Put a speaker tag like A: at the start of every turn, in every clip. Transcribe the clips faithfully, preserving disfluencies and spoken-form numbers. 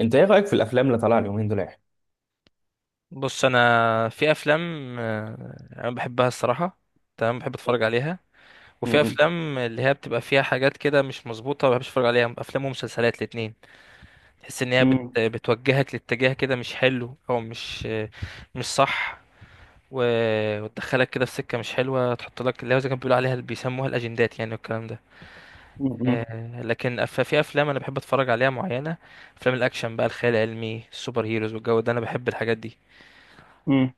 A: انت ايه رايك في الافلام اللي طالعه اليومين دول يا أحمد؟
B: بص انا في افلام آه، انا بحبها الصراحه. تمام بحب اتفرج عليها. وفي
A: م-
B: افلام اللي هي بتبقى فيها حاجات كده مش مظبوطه ما بحبش اتفرج عليها، افلام ومسلسلات الاتنين. تحس ان هي بت...
A: م-
B: بتوجهك لاتجاه كده مش حلو او مش آه، مش صح، و... وتدخلك كده في سكه مش حلوه، تحط لك اللي هو زي كانوا بيقولوا عليها اللي بيسموها الاجندات يعني والكلام ده.
A: م- م-
B: آه، لكن أف- في افلام انا بحب اتفرج عليها معينه. افلام الاكشن بقى، الخيال العلمي، السوبر هيروز والجو ده، انا بحب الحاجات دي.
A: م-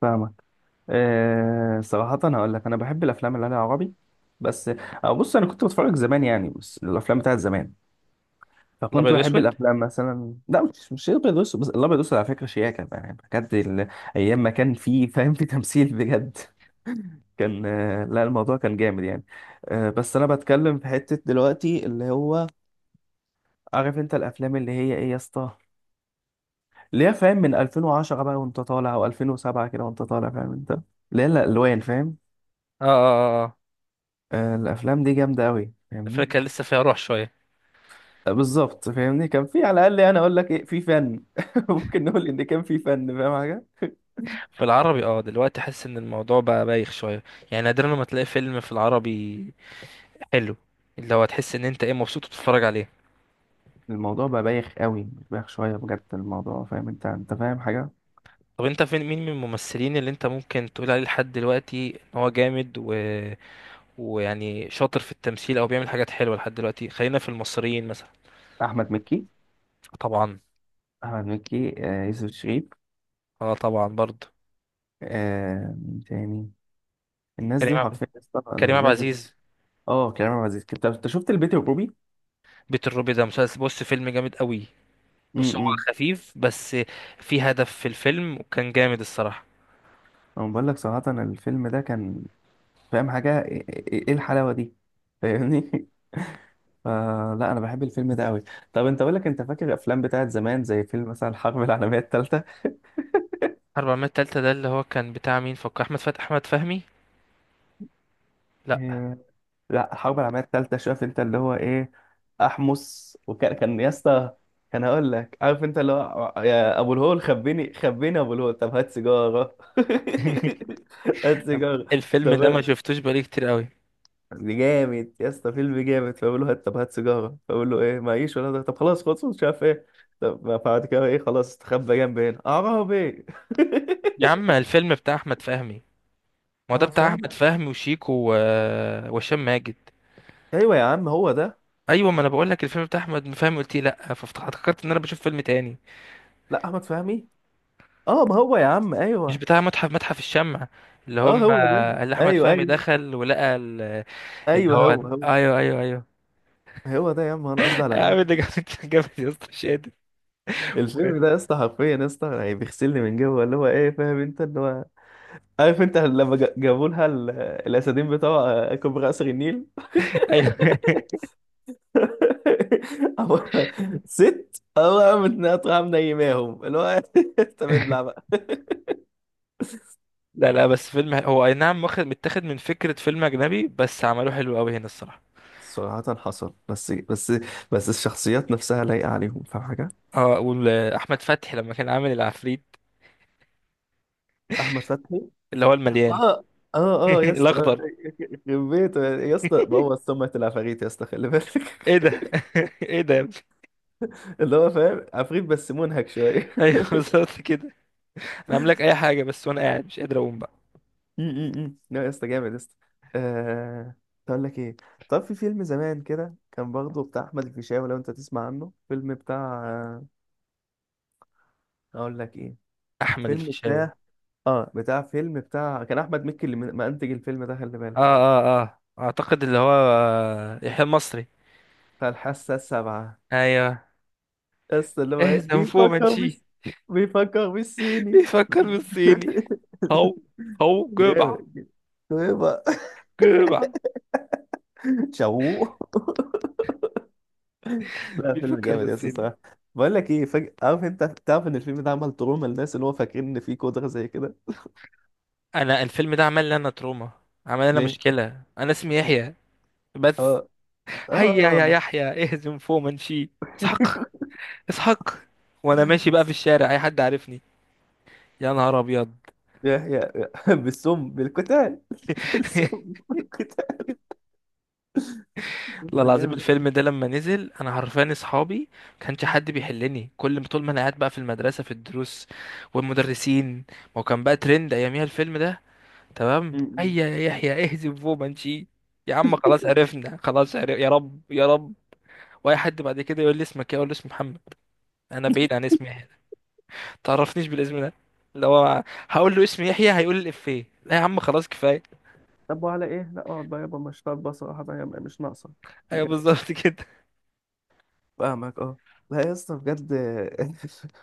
A: فاهمك. أه، صراحة هقول لك أنا بحب الأفلام اللي عليها عربي بس. أه، بص أنا كنت بتفرج زمان يعني، بس الأفلام بتاعت زمان، فكنت
B: الابيض
A: بحب
B: واسود.
A: الأفلام مثلا، لا مش مش الأبيض والأسود، بس الأبيض والأسود على فكرة شياكة يعني بجد. ال- أيام ما كان فيه فاهم، في تمثيل بجد كان آه، لا الموضوع كان جامد يعني. أه بس أنا بتكلم في حتة دلوقتي، اللي هو عارف أنت الأفلام اللي هي إيه يا اسطى، اللي هي فاهم من ألفين وعشرة بقى وانت طالع، او ألفين وسبعة كده وانت طالع، فاهم انت، اللي هي الالوان فاهم.
B: اه اه.
A: آه الافلام دي جامده قوي، فاهمني.
B: فكان لسه فيها روح شويه.
A: آه، بالظبط فاهمني، كان في على الاقل، انا اقول لك ايه، في فن ممكن نقول ان كان في فن فاهم حاجه.
B: في العربي اه دلوقتي حاسس ان الموضوع بقى بايخ شويه، يعني نادرا لما تلاقي فيلم في العربي حلو، اللي هو تحس ان انت ايه مبسوط وتتفرج عليه.
A: الموضوع بقى بايخ قوي، مش بايخ شويه بجد الموضوع، فاهم انت، انت فاهم حاجه.
B: طب انت فين مين من الممثلين اللي انت ممكن تقول عليه لحد دلوقتي ان هو جامد و... ويعني شاطر في التمثيل او بيعمل حاجات حلوه لحد دلوقتي؟ خلينا في المصريين مثلا.
A: احمد مكي.
B: طبعا.
A: احمد مكي، آه يوسف شريف.
B: اه طبعا برضه.
A: آه، مين تاني؟ الناس
B: كريم
A: دي
B: عب...
A: حرفيا يا اسطى،
B: كريم عبد
A: الناس دي.
B: العزيز.
A: اه كريم عبد العزيز، انت أنت شفت البيت الروبي؟
B: بيت الروبي ده مسلسل، بص فيلم جامد قوي. بص هو
A: امم.
B: خفيف، بس في هدف في الفيلم وكان جامد الصراحه.
A: انا بقول لك صراحه الفيلم ده كان، فاهم حاجة، ايه إيه- إيه الحلاوة دي، فاهمني فلا، انا بحب الفيلم ده قوي. طب انت، اقول لك، انت فاكر الافلام بتاعت زمان؟ زي فيلم مثلا الحرب العالمية الثالثة.
B: اربعمية تالتة ده اللي هو كان بتاع مين؟ فكر، احمد فتحي، احمد فهمي. لا.
A: إيه؟ لا، الحرب العالمية الثالثة، شايف انت اللي هو ايه. احمس، وكان كان يا اسطى، كان، هقول لك، عارف انت اللي هو، يا ابو الهول خبيني خبيني يا ابو الهول، طب هات سيجارة هات سيجارة.
B: الفيلم ده ما
A: طب،
B: شفتوش بقالي كتير قوي.
A: دي جامد يا اسطى، فيلم جامد. فبقول له هات، طب هات سيجاره، فبقول له ايه، معيش ولا ده، طب خلاص خلاص مش عارف ايه. طب بعد كده ايه، خلاص استخبى جنب هنا عربي
B: يا عم الفيلم بتاع احمد فهمي، ما هو ده
A: احمد
B: بتاع
A: فهمي.
B: احمد فهمي وشيكو و... وهشام ماجد.
A: ايوه يا عم، هو ده.
B: ايوه، ما انا بقول لك الفيلم بتاع احمد فهمي، قلت لي لا فافتكرت ان انا بشوف فيلم تاني.
A: لا، احمد فهمي. اه، ما هو يا عم،
B: مش
A: ايوه.
B: بتاع متحف متحف الشمع؟ اللي
A: اه
B: هم،
A: هو ده.
B: اللي احمد
A: ايوه
B: فهمي
A: ايوه
B: دخل ولقى ال- اللي
A: ايوه،
B: هو،
A: هو هو،
B: ايوه ايوه ايوه.
A: هو ده يا عم، انا قصدي على
B: يا
A: ده.
B: عم ده جامد جامد يا اسطى، مش قادر.
A: الفيلم ده يا اسطى، حرفيا يا اسطى يعني بيغسلني من جوه، اللي هو ايه، فاهم انت اللي هو، عارف انت لما جابوا لها الاسدين بتوع كوبري قصر النيل؟
B: ايوه.
A: أبو... ست، أو قامت ناطحة منيماهم اللي هو طب ابلع بقى.
B: لا لا بس فيلم هو اي نعم واخد متاخد من فكرة فيلم اجنبي، بس عملوه حلو قوي هنا الصراحة.
A: صراحة حصل، بس بس بس الشخصيات نفسها لايقة عليهم، فاهم حاجة؟
B: اه واحمد فتحي لما كان عامل العفريت
A: أحمد فتحي.
B: اللي هو المليان،
A: اه اه اه يا اسطى،
B: الاخضر.
A: يخرب بيته يا اسطى، بوظ سمعة العفاريت يا اسطى، خلي بالك
B: ايه ده. ايه ده يا ابني.
A: اللي هو فاهم عفريت بس منهك شوية
B: ايوه بالظبط كده. انا عامل لك اي حاجة، بس وانا قاعد مش قادر اقوم بقى.
A: م- م- م. لا يا اسطى، جامد يا اسطى. آه... اقول لك ايه، طب في فيلم زمان كده كان برضه بتاع احمد الفيشاوي، لو انت تسمع عنه، فيلم بتاع، اقول لك ايه،
B: احمد
A: فيلم
B: الفيشاوي.
A: بتاع، اه بتاع، فيلم بتاع، كان احمد مكي اللي من- منتج الفيلم ده، خلي
B: اه
A: بالك،
B: اه اه، اعتقد اللي هو آه، يحيى المصري.
A: بتاع الحاسه السابعه،
B: ايوه.
A: بس اللي هو ايه،
B: اهزم
A: بيفكر
B: فومنشي.
A: بس، بيفكر بالصيني
B: بيفكر بالصيني. هو هو جبع.
A: جامد. ايه بقى؟
B: جبع.
A: شوق. لا فيلم
B: بيفكر
A: جامد يا اسطى
B: بالصيني.
A: الصراحه. بقول لك ايه، فج... عارف انت، تعرف ان الفيلم ده عمل تروما للناس، اللي هو فاكرين ان فيه قدره زي كده.
B: انا الفيلم ده عمل لي انا تروما، عمل لي انا
A: ليه؟
B: مشكله، انا اسمي يحيى، بس.
A: اه،
B: هيا
A: اه
B: يا يحيى اهزم فوق منشي. اسحق. اسحق. وانا ماشي بقى في
A: بس،
B: الشارع اي حد عارفني، يا نهار ابيض.
A: يا يا يا- بالسم بالقتال بالسم بالقتال،
B: والله
A: لسه
B: العظيم
A: جامد.
B: الفيلم ده لما نزل انا عرفاني اصحابي، ما كانش حد بيحلني، كل طول ما انا قاعد بقى في المدرسه في الدروس والمدرسين، ما هو كان بقى ترند اياميها الفيلم ده. تمام
A: م-م.
B: هيا يا يحيى اهزم فوق منشي. يا عم خلاص عرفنا، خلاص عرف، يا رب يا رب. واي حد بعد كده يقول لي اسمك ايه اقول له اسمي محمد، انا بعيد عن اسمي يحيى، تعرفنيش بالاسم ده. لو هقول له اسمي يحيى هيقول لي الافيه، لا يا عم خلاص كفايه.
A: طب وعلى ايه، لا اقعد بقى يابا، مش طالبه صراحه بقى يا- مش ناقصك
B: ايوه
A: بجد.
B: بالظبط كده.
A: فاهمك، اه. لا يا اسطى بجد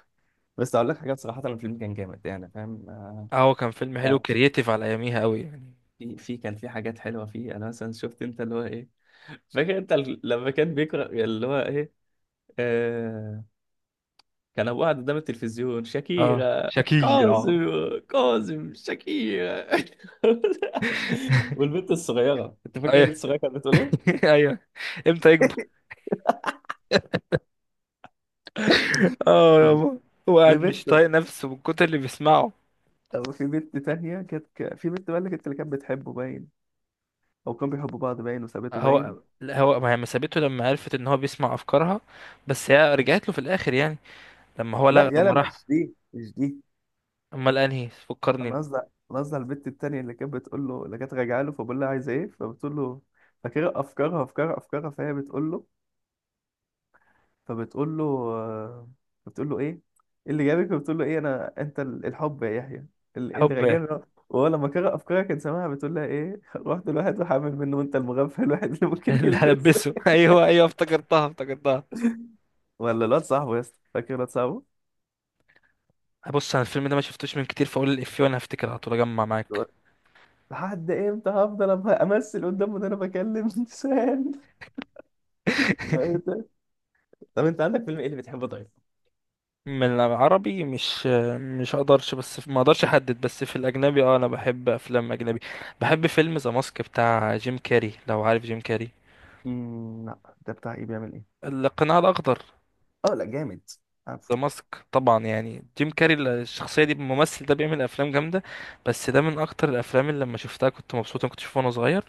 A: بس اقول لك حاجه، بصراحه الفيلم كان جامد يعني، فاهم آه،
B: اهو كان فيلم
A: لا
B: حلو
A: في،
B: كرييتيف على اياميها قوي يعني.
A: في في- كان في حاجات حلوه فيه، انا مثلا شفت انت اللي هو ايه، فاكر انت ال- لما كان بيقرا اللي هو ايه، آه، كان ابو قاعد قدام التلفزيون
B: اه
A: شاكيرا،
B: شكي
A: كاظم،
B: اه.
A: كاظم شاكيرا والبنت الصغيره، انت فاكر البنت
B: ايوه.
A: الصغيره كانت بتقول ايه؟
B: ايوه. امتى يكبر. اه يابا. هو قاعد
A: البنت.
B: مش طايق نفسه من كتر اللي بيسمعه.
A: طب في بنت تانية كانت ك... في بنت بقى اللي كانت، اللي كانت بتحبه باين، أو كانوا بيحبوا بعض باين، وسابته باين.
B: هو لا، هو ما هي ما سابته لما عرفت ان هو بيسمع افكارها، بس هي رجعت له في الاخر يعني، لما هو
A: لا
B: لغ... لما
A: يلا،
B: راح.
A: مش دي مش دي.
B: امال انهي؟ فكرني.
A: أنا قصدي أنا قصدي على البنت التانية، اللي كانت بتقول له، اللي كانت راجعة له، فبقول لها عايزة إيه، فبتقول له فاكرة أفكارها أفكارها أفكارها، فهي بتقول له، فبتقول له، آه، بتقول له إيه إيه اللي جابك، فبتقول له إيه، أنا أنت ال- الحب يا يحيى، ال- إيه اللي
B: حب.
A: راجعني. وهو لما قرأ أفكارها كان سامعها بتقول لها إيه رحت لواحد وحامل منه، وأنت المغفل الواحد اللي ممكن
B: اللي
A: يلبس
B: هلبسه. ايوه ايوه افتكرتها افتكرتها.
A: ولا الواد صاحبه يا اسطى، فاكر الواد صاحبه؟
B: بص انا الفيلم ده ما شفتوش من كتير، فاقول الافيه وانا هفتكر على طول اجمع معاك.
A: لحد امتى هفضل أم- امثل قدامه ان انا بكلم انسان. طب انت عندك فيلم ايه اللي بتحبه طيب؟
B: من العربي، مش مش اقدرش بس ما اقدرش احدد. بس في الاجنبي اه، انا بحب افلام اجنبي. بحب فيلم ذا ماسك بتاع جيم كاري، لو عارف جيم كاري.
A: مم، لا، ده بتاع ايه، بيعمل ايه؟
B: القناع الاخضر.
A: اه لا، جامد،
B: ذا
A: عارفه.
B: ماسك طبعا، يعني جيم كاري الشخصيه دي الممثل ده بيعمل افلام جامده. بس ده من اكتر الافلام اللي لما شفتها كنت مبسوط، انا كنت شوفه وانا صغير.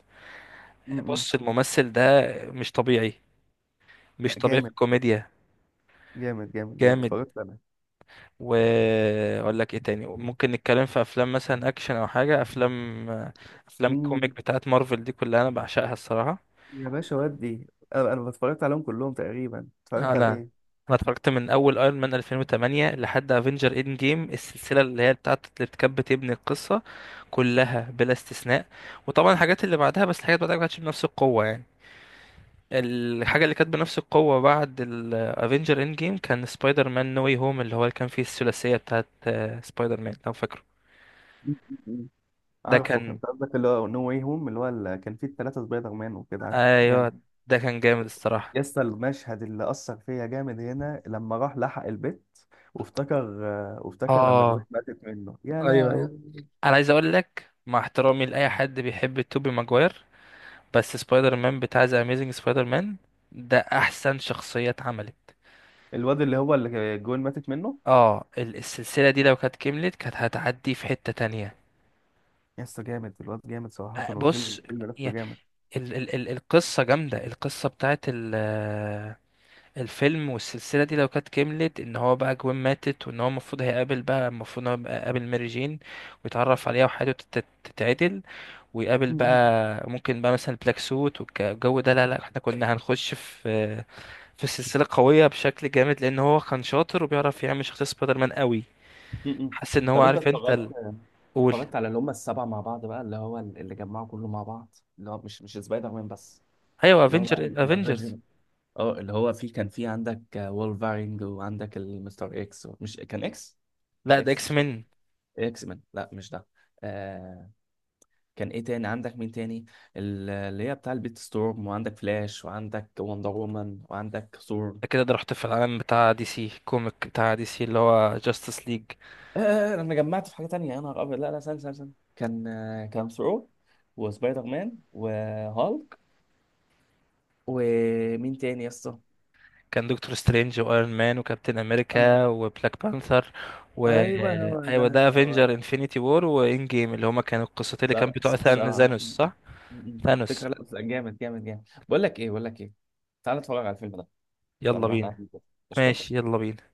A: م-م.
B: بص الممثل ده مش طبيعي،
A: لا
B: مش طبيعي في
A: جامد
B: الكوميديا.
A: جامد جامد جامد
B: جامد.
A: اتفرجت انا.
B: واقول لك ايه تاني، ممكن نتكلم في افلام مثلا اكشن او حاجه، افلام افلام كوميك
A: م.
B: بتاعت مارفل دي كلها انا بعشقها الصراحه.
A: يا باشا، ودي انا، أنا اتفرجت عليهم كلهم تقريبا،
B: انا
A: اتفرجت على ايه.
B: انا اتفرجت من اول ايرون مان الفين وتمانية لحد افنجر اند جيم، السلسله اللي هي بتاعت اللي كانت بتبني القصه كلها بلا استثناء. وطبعا الحاجات اللي بعدها، بس الحاجات اللي بعدها ما كانتش بنفس القوه يعني. الحاجه اللي كانت بنفس القوه بعد الافنجر اند جيم كان سبايدر مان نو واي هوم، اللي هو اللي كان فيه الثلاثيه بتاعت آه، سبايدر مان لو فاكره.
A: م-م-م.
B: ده
A: عارفه
B: كان
A: انت قصدك اللي هو نو واي هوم، اللي هو اللي كان فيه الثلاثه سبايدر مان وكده. عارف.
B: ايوه، ده كان جامد الصراحه.
A: يسطا المشهد اللي أثر فيا جامد هنا، لما راح لحق البيت، وافتكر، آه، وافتكر لما جوين
B: اه
A: ماتت منه، يا
B: ايوه ايوه.
A: لهوي.
B: انا عايز اقول لك مع احترامي لاي حد بيحب توبي ماجواير، بس سبايدر مان بتاع ذا اميزنج سبايدر مان ده احسن شخصيه اتعملت.
A: الواد اللي هو اللي جوين ماتت منه.
B: اه ال- السلسله دي لو كانت كملت كانت هتعدي في حته تانية.
A: يسطا جامد الواد، جامد صراحة،
B: آه،
A: والفيلم،
B: بص.
A: الفيلم نفسه
B: يا-
A: جامد.
B: ال ال ال القصه جامده، القصه بتاعت ال آه، الفيلم والسلسله دي لو كانت كملت ان هو بقى جوين ماتت، وان هو المفروض هيقابل بقى، المفروض ان هو يبقى قابل ماري جين ويتعرف عليها وحياته تت- تتعدل ويقابل
A: م-
B: بقى. ممكن بقى مثلا بلاك سوت والجو ده، لا لا احنا كنا هنخش في في سلسلة قوية بشكل جامد، لان هو كان شاطر وبيعرف يعمل شخصية سبايدر مان قوي.
A: م- م.
B: حاسس ان هو
A: طب انت
B: عارف انت
A: اتفرجت،
B: ال- قول.
A: اتفرجت على اللي هم السبعه مع بعض بقى، اللي هو اللي جمعوا كله مع بعض، اللي هو مش مش سبايدر مان بس،
B: ايوه
A: اللي هو بقى
B: افنجر، افنجرز.
A: الافنجر. اه اللي هو، في، كان في عندك وولفارينج، وعندك المستر اكس، مش كان اكس؟ مش
B: لا ده
A: اكس
B: اكس
A: مش
B: مين.
A: اكس مان، لا مش ده. آه، كان ايه تاني عندك، مين تاني؟ ال- اللي هي بتاع البيت ستورم، وعندك فلاش، وعندك وندر وومن، وعندك ثور.
B: ده كده ده رحت في العالم بتاع دي سي كوميك، بتاع دي سي اللي هو جاستس ليج.
A: آه انا جمعت في حاجه تانية، يا نهار ابيض، لا لا، استنى استنى استنى. كان آه، كان ثور وسبايدر مان وهالك، ومين تاني يا اسطى؟
B: كان دكتور سترينج وايرون مان وكابتن
A: اه،
B: امريكا وبلاك بانثر و...
A: ايوه هو
B: ايوه
A: ده
B: ده
A: هو.
B: افنجر انفينيتي وور وان جيم، اللي هما كانوا القصتين اللي كان
A: صراحه
B: بتوع
A: صراحه.
B: ثانوس، صح؟
A: فكره،
B: ثانوس.
A: لا جامد جامد جامد. بقول لك ايه بقول لك ايه، تعالى نتفرج على الفيلم ده بدل
B: يلا
A: ما احنا
B: بينا.
A: قاعدين كده. قشطه.
B: ماشي يلا بينا.